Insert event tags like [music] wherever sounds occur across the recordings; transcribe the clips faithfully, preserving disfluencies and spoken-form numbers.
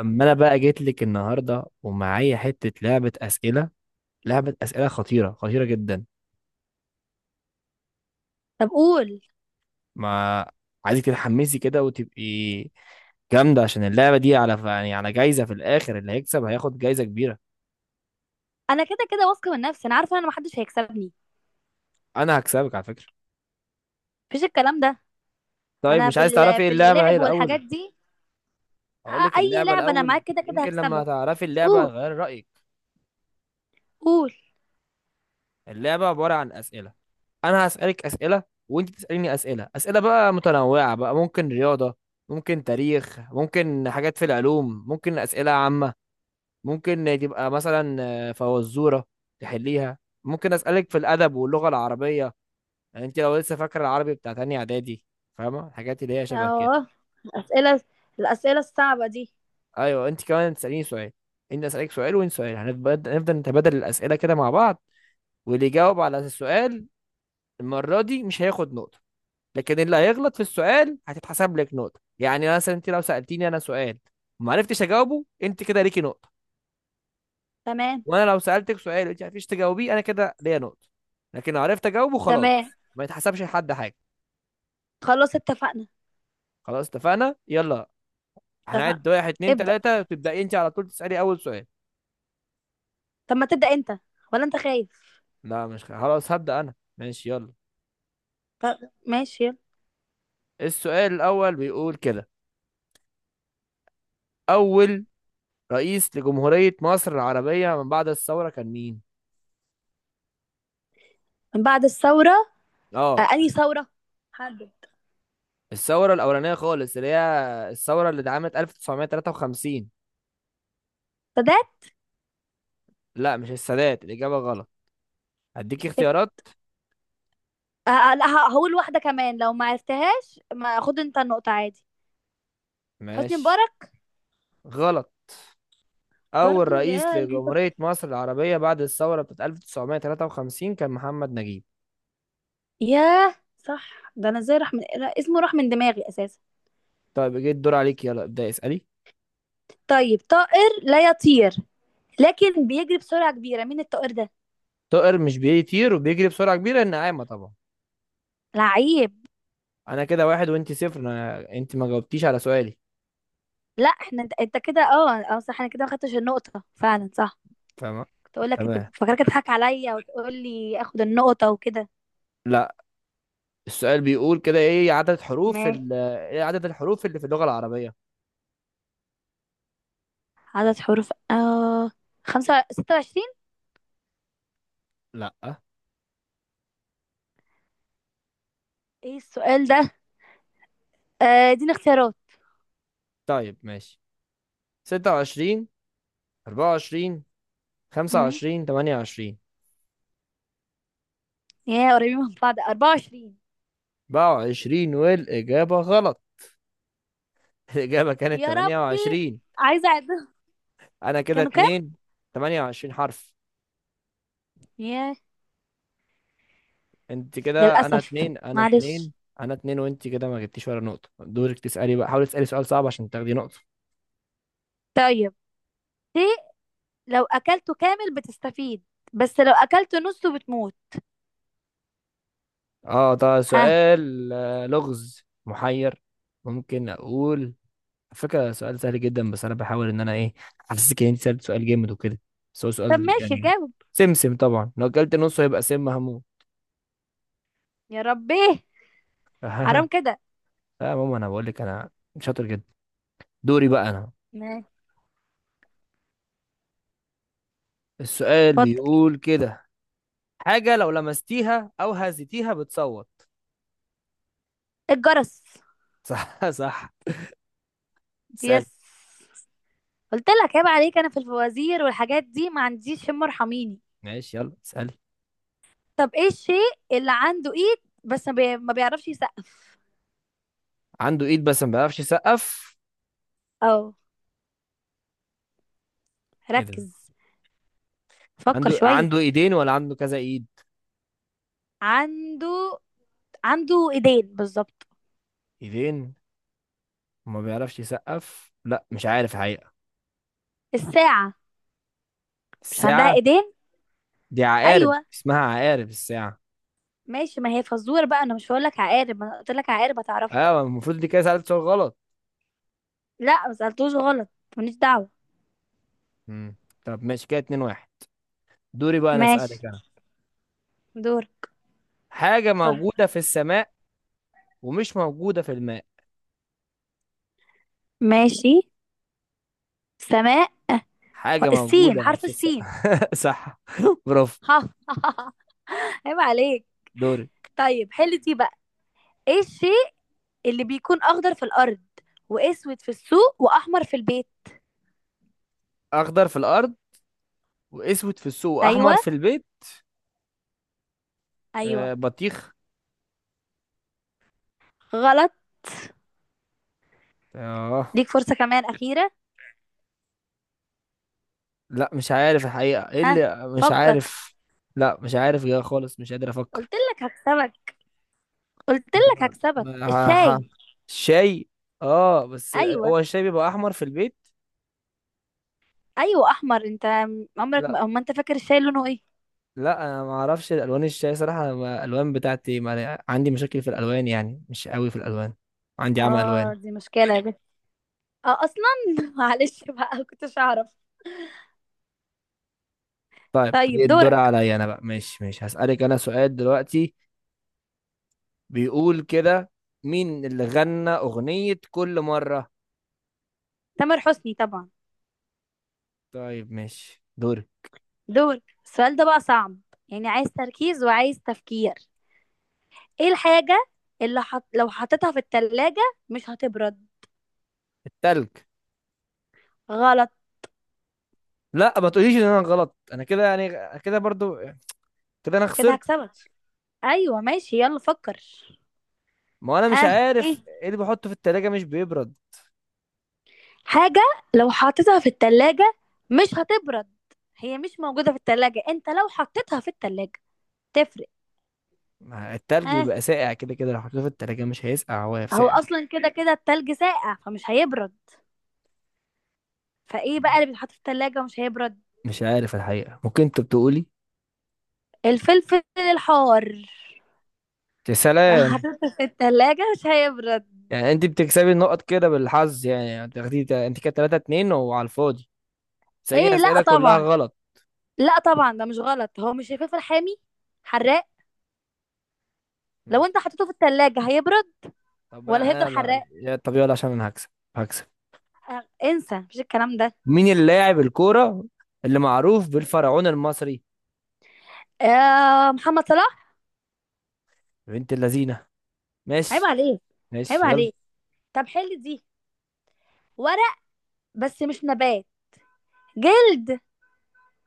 اما انا بقى جيت لك النهارده ومعايا حته لعبه اسئله. لعبه اسئله خطيره، خطيره جدا. طب قول. ما عايزك تتحمسي كده وتبقي جامده، عشان اللعبه دي على يعني على جايزه في الاخر. اللي هيكسب هياخد جايزه كبيره. انا كده كده واثقه من نفسي، انا عارفه ان انا محدش هيكسبني. انا هكسبك على فكره. مفيش الكلام ده. طيب انا مش في عايز تعرفي ال- ايه في اللعبه هي اللعب الاول؟ والحاجات دي. أ- هقول لك اي اللعبه لعبه انا الاول، معاك كده كده يمكن لما هكسبها. تعرفي اللعبه قول. هتغيري رايك. قول. اللعبة عبارة عن أسئلة. أنا هسألك أسئلة وأنت تسأليني أسئلة. أسئلة بقى متنوعة بقى، ممكن رياضة، ممكن تاريخ، ممكن حاجات في العلوم، ممكن أسئلة عامة، ممكن تبقى مثلا آه، فوازورة تحليها. ممكن أسألك في الأدب واللغة العربية، يعني أنت لو لسه فاكرة العربي بتاع تانية إعدادي، فاهمة الحاجات اللي هي شبه كده. اه، اسئله، الاسئله الصعبه دي. أيوه، أنت كمان تسأليني سؤال. أنت أسألك سؤال وأنت سؤال، هنبدأ نفضل نتبادل الأسئلة كده مع بعض. واللي يجاوب على السؤال المرة دي مش هياخد نقطة، لكن اللي هيغلط في السؤال هتتحسب لك نقطة. يعني مثلا انت لو سألتيني انا سؤال وما عرفتش اجاوبه، انت كده ليكي نقطة. تمام. وانا لو سألتك سؤال وانت ما عرفتيش تجاوبيه، انا كده ليا نقطة. لكن لو عرفت اجاوبه تمام، خلاص ما يتحسبش لحد حاجة. خلاص اتفقنا. خلاص اتفقنا، يلا. اتفقنا. هنعد واحد اتنين ابدا. تلاتة، تبدأي انت على طول تسألي اول سؤال. طب ما تبدا انت، ولا انت خايف؟ لا، مش خلاص هبدأ انا، ماشي يلا. طب ماشي يلا. السؤال الاول بيقول كده: اول رئيس لجمهورية مصر العربية من بعد الثورة كان مين؟ من بعد الثوره؟ آه، اه. انهي ثوره؟ حدد. الثورة الأولانية خالص، اللي هي الثورة اللي اتعملت ألف وتسعمية تلاتة وخمسين. سادات. لا مش السادات، الإجابة غلط. هديك الشت- اختيارات. آه، آه، لا، ه- هقول واحده كمان، لو ما عرفتهاش ما خد انت النقطه عادي. حسني ماشي. مبارك. غلط. أول برضو رئيس يا قلبي. لجمهورية مصر العربية بعد الثورة بتاعت ألف وتسعمية تلاتة وخمسين كان محمد نجيب. ياه صح، ده انا ازاي راح من، لا، اسمه راح من دماغي اساسا. طيب جه الدور عليك، يلا ابدأ اسألي. طيب، طائر لا يطير لكن بيجري بسرعة كبيرة، مين الطائر ده؟ طائر مش بيطير وبيجري بسرعة كبيرة، النعامة طبعا. لعيب. أنا كده واحد وأنت صفر، أنا أنت ما جاوبتيش على سؤالي. لا، احنا انت، انت كده، اه اه صح، انا كده ما خدتش النقطة فعلا، صح. فاهمة؟ كنت اقول لك، انت تمام. فاكرك تضحك عليا وتقول لي اخد النقطة وكده. لا. السؤال بيقول كده: إيه عدد حروف ماشي. ال... إيه عدد الحروف اللي في اللغة العربية؟ عدد حروف، اه، خمسة، ستة وعشرين. لا. ايه السؤال ده؟ آه اديني اختيارات. طيب ماشي، ستة وعشرين، أربعة وعشرين، خمسة مم. وعشرين، تمانية وعشرين. يا قريبين من بعض، اربعة وعشرين. بقى وعشرين والإجابة غلط. [laughs] الإجابة كانت يا تمانية ربي، وعشرين. عايزة اعدهم. أنا كده كانوا كام؟ اتنين. تمانية وعشرين حرف. يا أنت كده، أنا للأسف. اتنين، أنا معلش. اتنين. أنا اتنين وأنت كده ما جبتيش ولا نقطة. دورك تسألي بقى، حاولي تسألي سؤال صعب عشان تاخدي نقطة. طيب، ليه؟ لو أكلته كامل بتستفيد، بس لو أكلته نصه بتموت. أه ده ها. سؤال، آه، لغز محير. ممكن أقول؟ على فكرة سؤال سهل جدا، بس انا بحاول ان انا ايه احسسك ان انت سألت سؤال جامد وكده، بس هو طب سؤال ماشي، يعني. جاوب. سمسم طبعا، لو اكلت نصه هيبقى سم هموت. يا ربي، حرام [laughs] كده. لا يا ماما انا بقول لك انا شاطر جدا. دوري بقى انا. ماشي. السؤال اتفضل. بيقول كده: حاجة لو لمستيها او هزيتيها بتصوت. الجرس. [laughs] صح صح. اسأل. يس. قلت لك عيب عليك، أنا في الفوازير والحاجات دي ما عنديش شم، ارحميني. ماشي يلا اسأل. طب ايه الشيء اللي عنده ايد، بس ما بي- ما بيعرفش يسقف؟ عنده ايد بس ما بيعرفش يسقف؟ اه. ايه ركز. ده؟ فكر عنده شوية. عنده ايدين ولا عنده كذا ايد؟ عنده عنده ايدين بالظبط. ايدين وما بيعرفش يسقف؟ لا مش عارف الحقيقة. الساعة مش عندها الساعة. ايدين؟ دي عقارب، ايوه اسمها عقارب الساعة. ماشي، ما هي فزوره بقى، انا مش هقول لك عقارب، ما قلت لك عقارب هتعرفها. ايوه المفروض دي كده سألت سؤال غلط. لا، ما سالتوش غلط. ماليش دعوه. مم. طب ماشي، كده اتنين واحد. دوري بقى انا اسألك ماشي. انا. دور. حاجة اتفضل. موجودة في السماء ومش موجودة في الماء. ماشي، سماء، و- حاجة السين، موجودة حرف في السين. السماء. [laughs] صح. [laughs] برافو. ها. [laughs] عيب عليك. دوري. طيب، حل دي بقى. ايه الشيء اللي بيكون اخضر في الارض، واسود في السوق، واحمر في البيت؟ اخضر في الارض واسود في السوق ايوه. واحمر في البيت. ايوه. آه، بطيخ. غلط. اه. ليك فرصه كمان اخيره. لا مش عارف الحقيقة ايه ها، اللي مش فكر. عارف. لا مش عارف يا خالص، مش قادر افكر. قلت لك هكسبك. قلت لك ما- هكسبك. ما- ح- الشاي. شاي. اه بس ايوه. هو الشاي بيبقى احمر في البيت. ايوه، احمر. انت عمرك لا. ما، أما انت فاكر الشاي لونه ايه؟ لا انا ما اعرفش الوان الشاي صراحه، أنا ما- الالوان بتاعتي ما عندي مشاكل في الالوان، يعني مش قوي في الالوان. عندي عمى الوان. اه دي مشكله يا بنت. اه اصلا. [laughs] معلش بقى، كنتش اعرف. طيب دي طيب الدور دورك. عليا انا بقى، ماشي ماشي، هسالك انا سؤال دلوقتي. بيقول كده: مين اللي غنى اغنيه كل مره؟ تامر حسني طبعا. طيب ماشي، دوري. دورك، السؤال ده بقى صعب، يعني عايز تركيز وعايز تفكير. ايه الحاجه اللي حط... لو حطيتها في التلاجة مش هتبرد؟ التلج. غلط. لا ما تقوليش ان انا غلط، انا كده يعني، كده برضو، كده انا كده خسرت. هكسبك. ايوه ماشي يلا فكر. ما انا مش ها، ايه، عارف ايه اللي بحطه في التلاجة مش بيبرد. حاجه لو حطيتها في التلاجة مش هتبرد. هي مش موجوده في التلاجة، انت لو حطيتها في التلاجة تفرق. ما التلج ها، بيبقى ساقع كده كده، لو حطيته في التلاجة مش هيسقع، هو هو ساقع. اصلا كده كده التلج ساقع، فمش هيبرد. فايه بقى اللي بيتحط في التلاجة ومش هيبرد؟ مش عارف الحقيقة، ممكن انت بتقولي. الفلفل الحار، يا لو سلام. حطيته في التلاجة مش هيبرد. يعني انت بتكسبي النقط كده بالحظ، يعني يعني تاخدي انت كده تلاتة اتنين وعلى الفاضي تسأليني ايه لا اسئلة كلها طبعا. غلط. لا طبعا، ده مش غلط. هو مش الفلفل حامي، حراق، لو ماشي. انت حطيته في التلاجة هيبرد طب ولا هيفضل انا لا حراق؟ يا- طب يلا عشان انا هكسب. هكسب. انسى مفيش الكلام ده. مين اللاعب الكورة اللي معروف بالفرعون المصري؟ آه محمد صلاح. بنت اللذينة. عيب ماشي. عليك. عيب ماشي يلا. عليك. طب حل دي. ورق بس مش نبات، جلد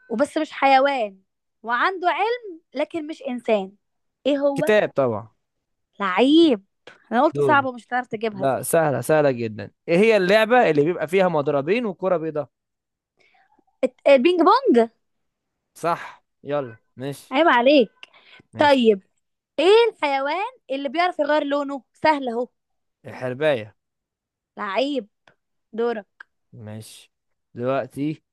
وبس مش حيوان، وعنده علم لكن مش إنسان. إيه هو؟ كتاب طبعا. لعيب. أنا قلت دوري. صعبة، مش هتعرف تجيبها لا دي. سهلة سهلة جدا، ايه هي اللعبة اللي بيبقى فيها مضربين وكرة بيضاء؟ الت- البينج بونج. صح يلا ماشي. عيب عليك. ماشي. طيب، إيه الحيوان اللي بيعرف يغير لونه؟ سهل أهو. الحرباية. لعيب. دورك. ماشي. دلوقتي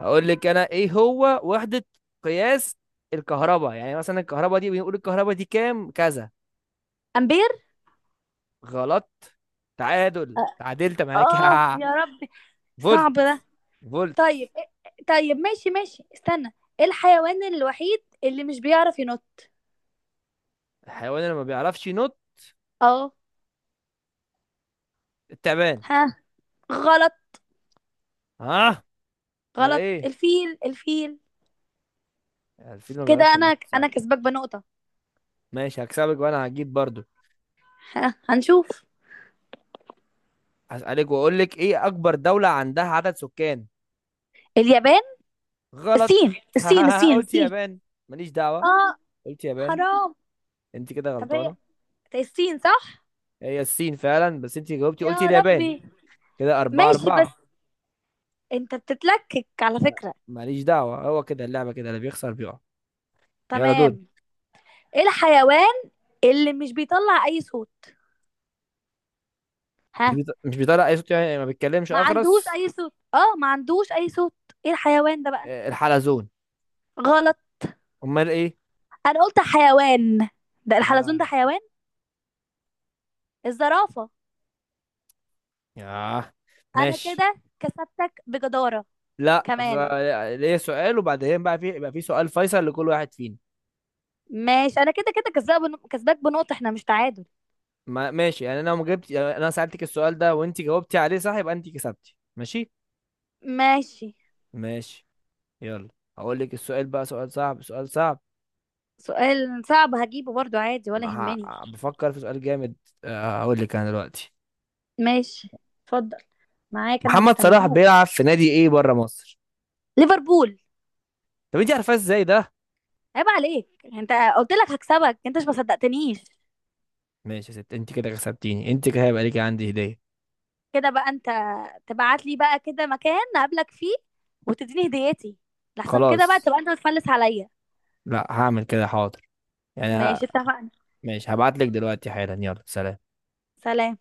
هقول لك انا ايه هو وحدة قياس الكهرباء. يعني مثلا الكهرباء دي بنقول الكهرباء دي كام كذا. أمبير. غلط. تعادل، آه. تعادلت معاك. آه، [laughs] يا ربي، فولت. صعب ده. فولت. طيب إيه- طيب ماشي ماشي استنى. إيه الحيوان الوحيد اللي مش بيعرف ينط؟ الحيوان اللي ما بيعرفش ينط؟ اه. التعبان. ها، غلط. ها؟ امال غلط، ايه؟ الفيل، الفيل. الفيل ما كده بيعرفش انا، ينط، انا صح؟ كسبك بنقطة. ماشي، هكسبك وانا هجيب برضو. ه- هنشوف. هسألك واقول لك ايه اكبر دولة عندها عدد سكان؟ اليابان. غلط. الصين الصين [laughs] الصين قلت الصين يابان، ماليش دعوة. اه. قلت يابان. حرام. انت كده طب هي، غلطانة. طب الصين صح؟ هي الصين فعلا، بس انت جاوبتي قلتي يا اليابان. ربي. كده أربعة ماشي بس أربعة. انت بتتلكك على ما- فكرة. ماليش دعوة، هو كده اللعبة كده، اللي بيخسر بيقع. يلا دول. تمام. ايه الحيوان اللي مش بيطلع اي صوت؟ مش ها. بيط- مش بيطلع اي صوت، يعني ما بيتكلمش، ما عندوش اخرس. اي صوت، اه ما عندوش اي صوت، ايه الحيوان ده بقى؟ آه، الحلزون. غلط. امال ايه؟ انا قلت حيوان، ده الحلزون ده ما- حيوان. الزرافة. ياه. انا ماشي. كده كسبتك بجدارة. لا ف- كمان. ليا سؤال وبعدين بقى في، يبقى في سؤال فيصل لكل واحد فينا. ماشي، انا كده كده كسبان، كسباك بنقطة، احنا مش تعادل. ما ماشي، يعني انا لو ما جبت، يعني انا سألتك السؤال ده وانت جاوبتي عليه صح يبقى انت كسبتي، ماشي. ماشي. ماشي يلا. هقول لك السؤال بقى سؤال صعب، سؤال صعب. سؤال صعب هجيبه برضو عادي ولا ما يهمني. ه- بفكر في سؤال جامد. آه، هقول لك انا دلوقتي. ماشي. اتفضل، معاك، انا محمد صلاح مستنياك. بيلعب في نادي ايه بره مصر؟ ليفربول. طب انت عارفاه ازاي ده؟ عيب عليك انت، قلت لك هكسبك، انت مش ما صدقتنيش. ماشي يا ست، انت كده كسبتيني، انت كده هيبقى ليكي عندي هدية. كده بقى انت تبعت لي بقى كده مكان نقابلك فيه وتديني هديتي، لحسن كده بقى خلاص. تبقى انت بتفلس عليا. لا هعمل كده، حاضر. يعني ه... ماشي اتفقنا. ماشي هبعت لك دلوقتي حالا، يلا سلام. سلام.